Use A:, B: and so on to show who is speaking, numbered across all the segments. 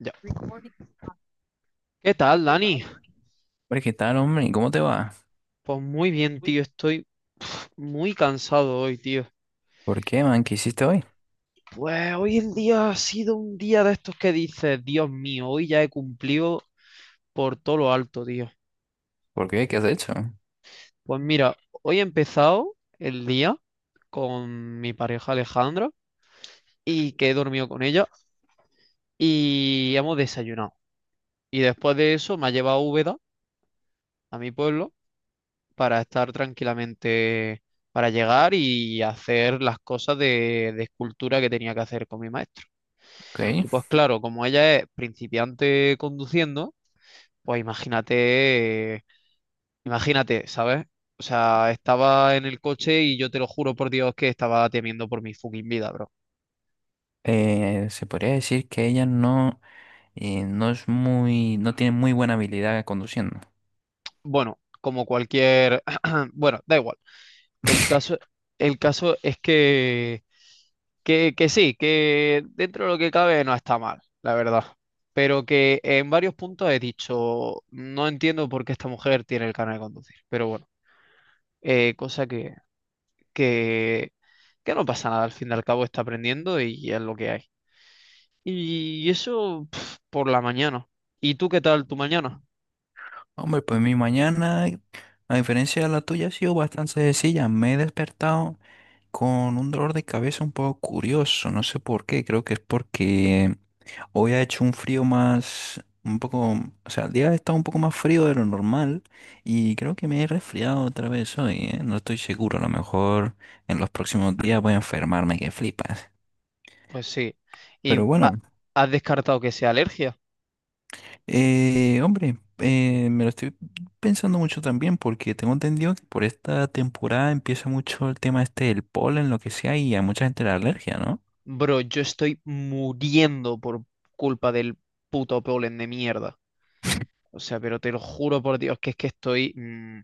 A: Ya. ¿Qué tal, Dani?
B: Hombre, ¿qué tal, hombre? ¿Cómo te va?
A: Pues muy bien, tío. Estoy muy cansado hoy, tío.
B: ¿Por qué, man? ¿Qué hiciste hoy?
A: Pues hoy el día ha sido un día de estos que dices, Dios mío, hoy ya he cumplido por todo lo alto, tío.
B: ¿Por qué? ¿Qué has hecho?
A: Pues mira, hoy he empezado el día con mi pareja Alejandra y que he dormido con ella y hemos desayunado. Y después de eso me ha llevado a Úbeda, a mi pueblo, para estar tranquilamente, para llegar y hacer las cosas de escultura que tenía que hacer con mi maestro.
B: Ok.
A: Y pues claro, como ella es principiante conduciendo, pues imagínate, imagínate, ¿sabes? O sea, estaba en el coche y yo te lo juro por Dios que estaba temiendo por mi fucking vida, bro.
B: Se podría decir que ella no, no es muy, no tiene muy buena habilidad conduciendo.
A: Bueno, como cualquier... Bueno, da igual. El caso, el caso es que sí, que dentro de lo que cabe no está mal, la verdad. Pero que en varios puntos he dicho, no entiendo por qué esta mujer tiene el canal de conducir. Pero bueno, cosa que, que no pasa nada, al fin y al cabo está aprendiendo y es lo que hay. Y eso pf, por la mañana. ¿Y tú qué tal tu mañana?
B: Hombre, pues mi mañana, a diferencia de la tuya, ha sido bastante sencilla. Me he despertado con un dolor de cabeza un poco curioso. No sé por qué. Creo que es porque hoy ha hecho un frío más, un poco, o sea, el día ha estado un poco más frío de lo normal y creo que me he resfriado otra vez hoy, ¿eh? No estoy seguro, a lo mejor en los próximos días voy a enfermarme que flipas.
A: Pues sí. ¿Y
B: Pero bueno,
A: has descartado que sea alergia?
B: hombre, me lo estoy pensando mucho también porque tengo entendido que por esta temporada empieza mucho el tema este del polen, lo que sea, y a mucha gente la alergia, ¿no?
A: Bro, yo estoy muriendo por culpa del puto polen de mierda. O sea, pero te lo juro por Dios que es que estoy,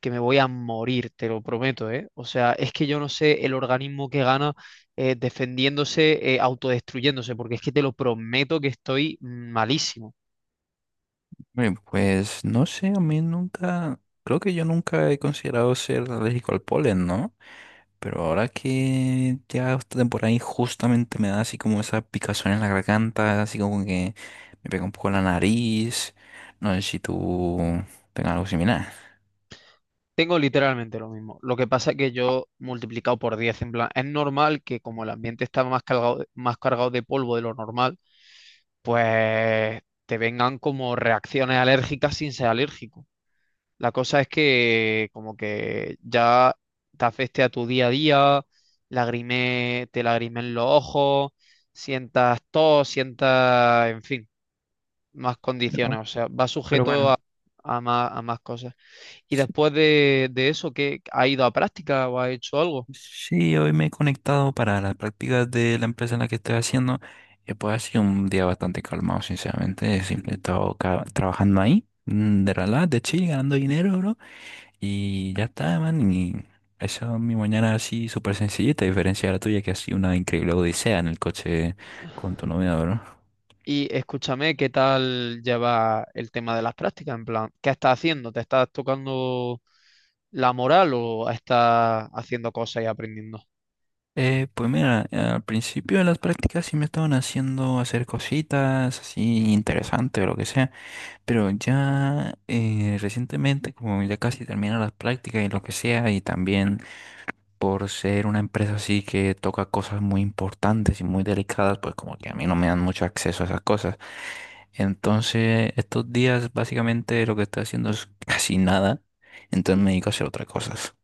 A: que me voy a morir, te lo prometo, ¿eh? O sea, es que yo no sé el organismo que gana defendiéndose, autodestruyéndose, porque es que te lo prometo que estoy malísimo.
B: Hombre, pues no sé, a mí nunca, creo que yo nunca he considerado ser alérgico al polen, ¿no? Pero ahora que ya esta temporada injustamente me da así como esa picazón en la garganta, así como que me pega un poco en la nariz. No sé si tú tengas algo similar.
A: Tengo literalmente lo mismo. Lo que pasa es que yo multiplicado por 10 en plan, es normal que como el ambiente está más cargado, más cargado de polvo de lo normal, pues te vengan como reacciones alérgicas sin ser alérgico. La cosa es que como que ya te afecte a tu día a día, te lagrimen los ojos, sientas tos, sientas, en fin, más
B: Pero,
A: condiciones. O sea, va
B: pero
A: sujeto
B: bueno,
A: a más cosas. Y
B: sí,
A: después de eso, ¿qué ha ido a práctica o ha hecho algo?
B: sí, hoy me he conectado para las prácticas de la empresa en la que estoy haciendo. Y pues ha sido un día bastante calmado, sinceramente. Siempre he estado trabajando ahí, de relax, de chill, ganando dinero, bro. Y ya está, man. Y esa es mi mañana así súper sencillita, a diferencia de la tuya, que ha sido una increíble odisea en el coche con tu novia, ¿verdad?
A: Y escúchame, ¿qué tal lleva el tema de las prácticas? En plan, ¿qué estás haciendo? ¿Te estás tocando la moral o estás haciendo cosas y aprendiendo?
B: Pues mira, al principio de las prácticas sí me estaban haciendo hacer cositas así interesantes o lo que sea, pero ya recientemente, como ya casi terminan las prácticas y lo que sea, y también por ser una empresa así que toca cosas muy importantes y muy delicadas, pues como que a mí no me dan mucho acceso a esas cosas. Entonces, estos días básicamente lo que estoy haciendo es casi nada, entonces me dedico a hacer otras cosas.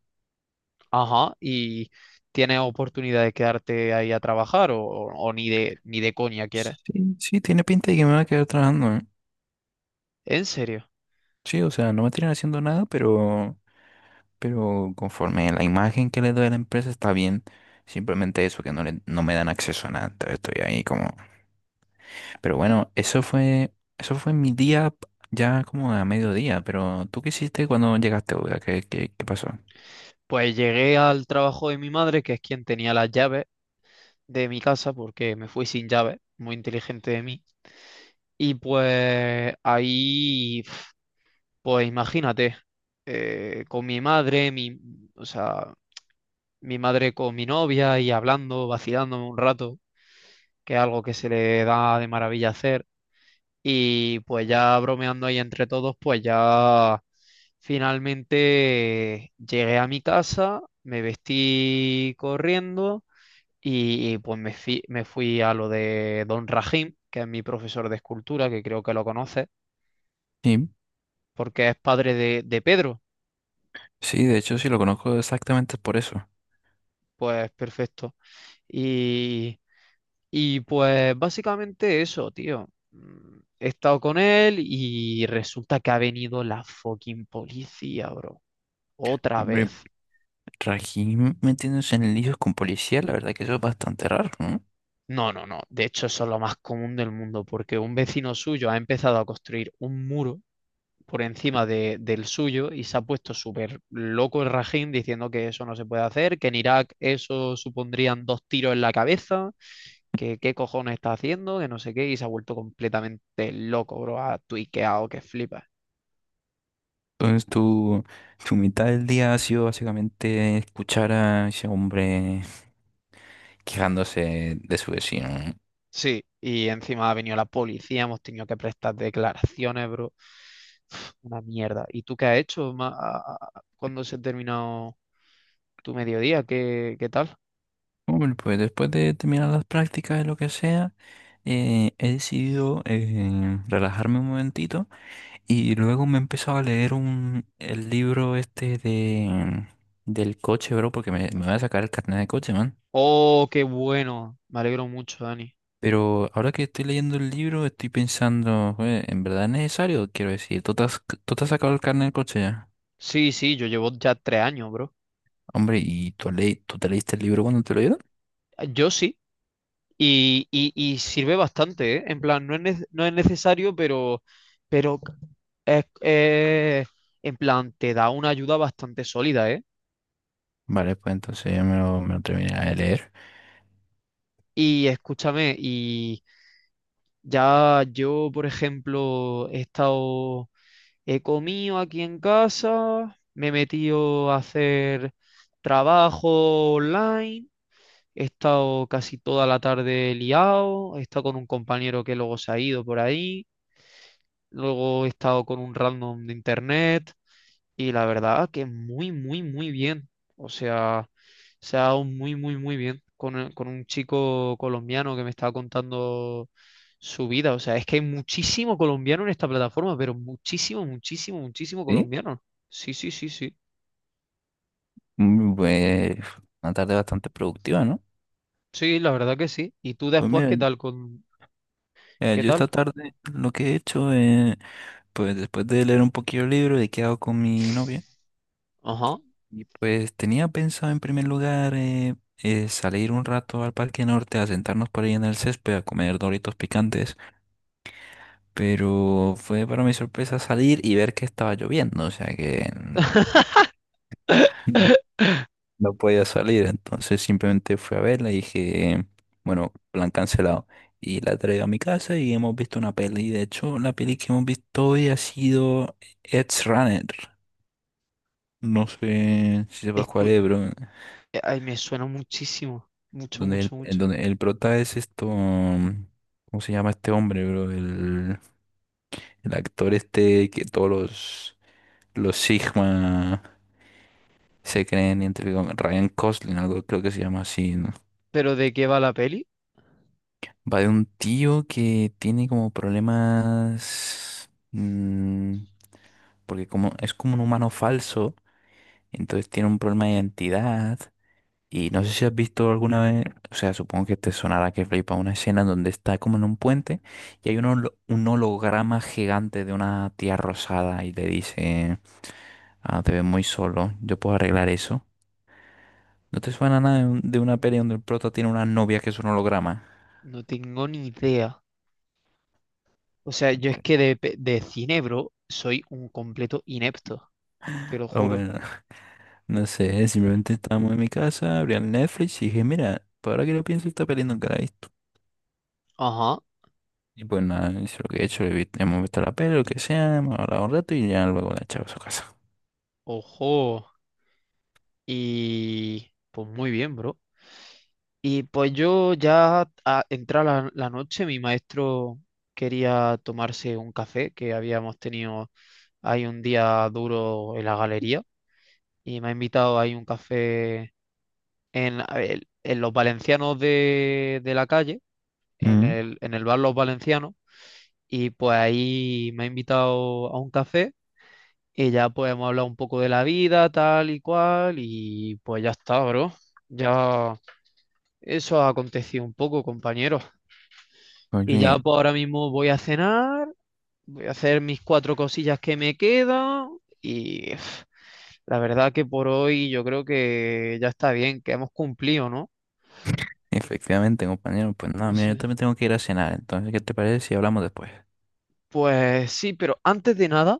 A: Ajá, y tienes oportunidad de quedarte ahí a trabajar o ni de coña quieres.
B: Sí, sí, tiene pinta de que me voy a quedar trabajando, ¿eh?
A: ¿En serio?
B: Sí, o sea, no me tienen haciendo nada, pero conforme la imagen que le doy a la empresa está bien. Simplemente eso, que no, no me dan acceso a nada. Entonces estoy ahí como pero bueno, eso fue mi día ya como a mediodía, pero ¿tú qué hiciste cuando llegaste, Olga? ¿Qué, qué, qué pasó?
A: Pues llegué al trabajo de mi madre, que es quien tenía las llaves de mi casa, porque me fui sin llaves, muy inteligente de mí. Y pues ahí, pf, pues imagínate, con mi madre, o sea, mi madre con mi novia y hablando, vacilándome un rato, que es algo que se le da de maravilla hacer. Y pues ya bromeando ahí entre todos, pues ya finalmente llegué a mi casa, me vestí corriendo y, pues me fui a lo de Don Rajim, que es mi profesor de escultura, que creo que lo conoces,
B: Sí,
A: porque es padre de Pedro.
B: sí, de hecho sí lo conozco exactamente por eso.
A: Pues perfecto. Y, y pues básicamente eso, tío. He estado con él y resulta que ha venido la fucking policía, bro. Otra vez.
B: Hombre, Rajim metiéndose en líos con policía, la verdad que eso es bastante raro, ¿no?
A: No, no, no. De hecho, eso es lo más común del mundo, porque un vecino suyo ha empezado a construir un muro por encima del suyo y se ha puesto súper loco el Rajín diciendo que eso no se puede hacer, que en Irak eso supondrían dos tiros en la cabeza, que qué cojones está haciendo, que no sé qué, y se ha vuelto completamente loco, bro. Ha tuiqueado que flipa.
B: Entonces tu mitad del día ha sido básicamente escuchar a ese hombre quejándose de su vecino.
A: Sí, y encima ha venido la policía, hemos tenido que prestar declaraciones, bro. Uf, una mierda. ¿Y tú qué has hecho cuando se ha terminado tu mediodía? ¿Qué tal?
B: Hombre, pues después de terminar las prácticas de lo que sea, he decidido relajarme un momentito y luego me he empezado a leer un, el libro este de, del coche, bro, porque me voy a sacar el carnet de coche, man.
A: Oh, qué bueno. Me alegro mucho, Dani.
B: Pero ahora que estoy leyendo el libro, estoy pensando, "Joder, ¿en verdad es necesario? Quiero decir, tú te has sacado el carnet de coche ya?
A: Sí, sí, yo llevo ya 3 años, bro.
B: Hombre, ¿y tú, le, tú te leíste el libro cuando te lo dieron?
A: Ah, yo sí. Y sirve bastante, ¿eh? En plan, no es necesario, pero es, es- en plan, te da una ayuda bastante sólida, ¿eh?
B: Vale, pues entonces ya me lo terminé de leer.
A: Y escúchame, ya yo, por ejemplo, he comido aquí en casa, me he metido a hacer trabajo online, he estado casi toda la tarde liado, he estado con un compañero que luego se ha ido por ahí, luego he estado con un random de internet, y la verdad que muy, muy, muy bien. O sea, se ha dado muy, muy, muy bien con un chico colombiano que me estaba contando su vida. O sea, es que hay muchísimo colombiano en esta plataforma, pero muchísimo, muchísimo, muchísimo
B: Sí,
A: colombiano. Sí, sí, sí, sí.
B: mm, pues una tarde bastante productiva, ¿no?
A: Sí, la verdad que sí. ¿Y tú
B: Pues
A: después
B: mira,
A: qué
B: yo esta
A: tal?
B: tarde lo que he hecho, pues después de leer un poquillo el libro, he quedado con mi novia
A: Ajá.
B: y pues tenía pensado en primer lugar salir un rato al Parque Norte a sentarnos por ahí en el césped a comer doritos picantes. Pero fue para mi sorpresa salir y ver que estaba lloviendo, o sea que no podía salir. Entonces simplemente fui a verla y dije, bueno, plan cancelado. Y la traigo a mi casa y hemos visto una peli. De hecho, la peli que hemos visto hoy ha sido Edge Runner. No sé si sepas cuál
A: Escu-
B: es, bro.
A: Ay, me suena muchísimo. Mucho,
B: Donde el,
A: mucho,
B: en
A: mucho.
B: donde el prota es esto. ¿Cómo se llama este hombre, bro? El actor este que todos los Sigma. Se creen entre com- Ryan Gosling, algo creo que se llama así, ¿no?
A: ¿Pero de qué va la peli?
B: Va de un tío que tiene como problemas, porque como es como un humano falso, entonces tiene un problema de identidad. Y no sé si has visto alguna vez, o sea, supongo que te sonará que flipa una escena donde está como en un puente y hay un holograma gigante de una tía rosada y le dice, ah, te ves muy solo, yo puedo arreglar eso. ¿No te suena nada de, de una peli donde el prota tiene una novia que es un holograma?
A: No tengo ni idea. O sea, yo es
B: Bueno,
A: que de cine, bro, soy un completo inepto, te lo
B: o
A: juro.
B: bueno, no sé, simplemente estábamos en mi casa, abrí el Netflix y dije, mira, por ahora que lo pienso, esta peli nunca la he visto.
A: Ajá,
B: Y pues nada, eso es lo que he hecho, hemos visto la peli, lo que sea, hemos hablado un rato y ya luego la he echado a su casa.
A: ojo. Y pues muy bien, bro. Y pues yo ya a entrar la noche, mi maestro quería tomarse un café, que habíamos tenido ahí un día duro en la galería, y me ha invitado ahí un café a ver, en los valencianos de la calle, en
B: Mm.
A: el, en el bar Los Valencianos, y pues ahí me ha invitado a un café. Y ya pues hemos hablado un poco de la vida, tal y cual, y pues ya está, bro. Ya eso ha acontecido un poco, compañero. Y
B: Oye,
A: ya pues ahora mismo voy a cenar, voy a hacer mis cuatro cosillas que me quedan. Y uf, la verdad que por hoy yo creo que ya está bien, que hemos cumplido, ¿no?
B: efectivamente, compañero, pues nada,
A: No
B: mira, yo también
A: sé.
B: tengo que ir a cenar, entonces, ¿qué te parece si hablamos después?
A: Pues sí, pero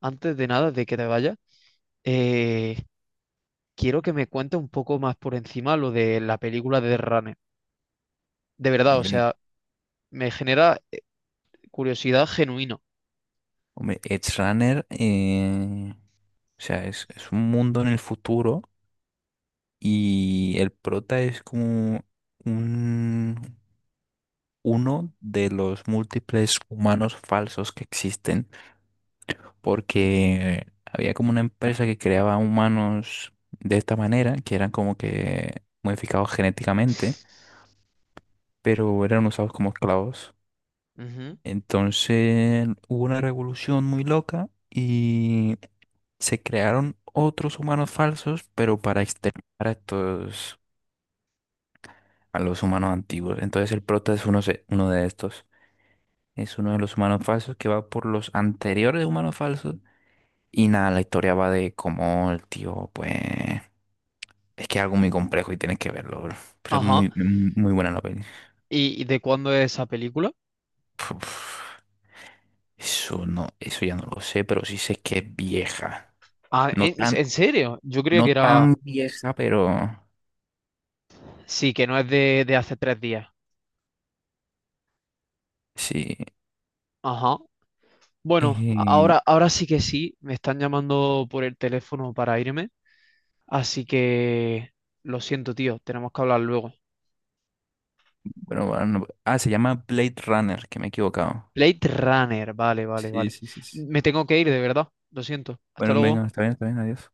A: antes de nada de que te vayas, eh, quiero que me cuentes un poco más por encima lo de la película de The Runner. De verdad, o
B: Hombre,
A: sea, me genera curiosidad genuina.
B: hombre, Edge Runner, o sea, es un mundo en el futuro y el prota es como un... uno de los múltiples humanos falsos que existen, porque había como una empresa que creaba humanos de esta manera, que eran como que modificados genéticamente, pero eran usados como esclavos.
A: Ujú.
B: Entonces hubo una revolución muy loca y se crearon otros humanos falsos, pero para exterminar a estos, a los humanos antiguos. Entonces el prota es uno, uno de estos. Es uno de los humanos falsos que va por los anteriores humanos falsos. Y nada, la historia va de cómo el tío, pues... Es que es algo muy complejo y tienes que verlo, bro. Pero es
A: Ajá.
B: muy, muy muy buena la peli.
A: ¿Y de cuándo es esa película?
B: Uf, eso no, eso ya no lo sé, pero sí sé que es vieja.
A: Ah,
B: No
A: ¿en,
B: tan,
A: en serio? Yo creo que
B: no
A: era...
B: tan vieja, pero
A: Sí, que no es de hace 3 días.
B: sí.
A: Ajá. Bueno,
B: Eh,
A: ahora, ahora sí que sí, me están llamando por el teléfono para irme, así que lo siento, tío, tenemos que hablar luego.
B: bueno, bueno, se llama Blade Runner, que me he equivocado.
A: Blade Runner, vale, vale,
B: Sí,
A: vale.
B: sí, sí, sí.
A: Me tengo que ir, de verdad, lo siento. Hasta
B: Bueno,
A: luego.
B: venga, está bien, adiós.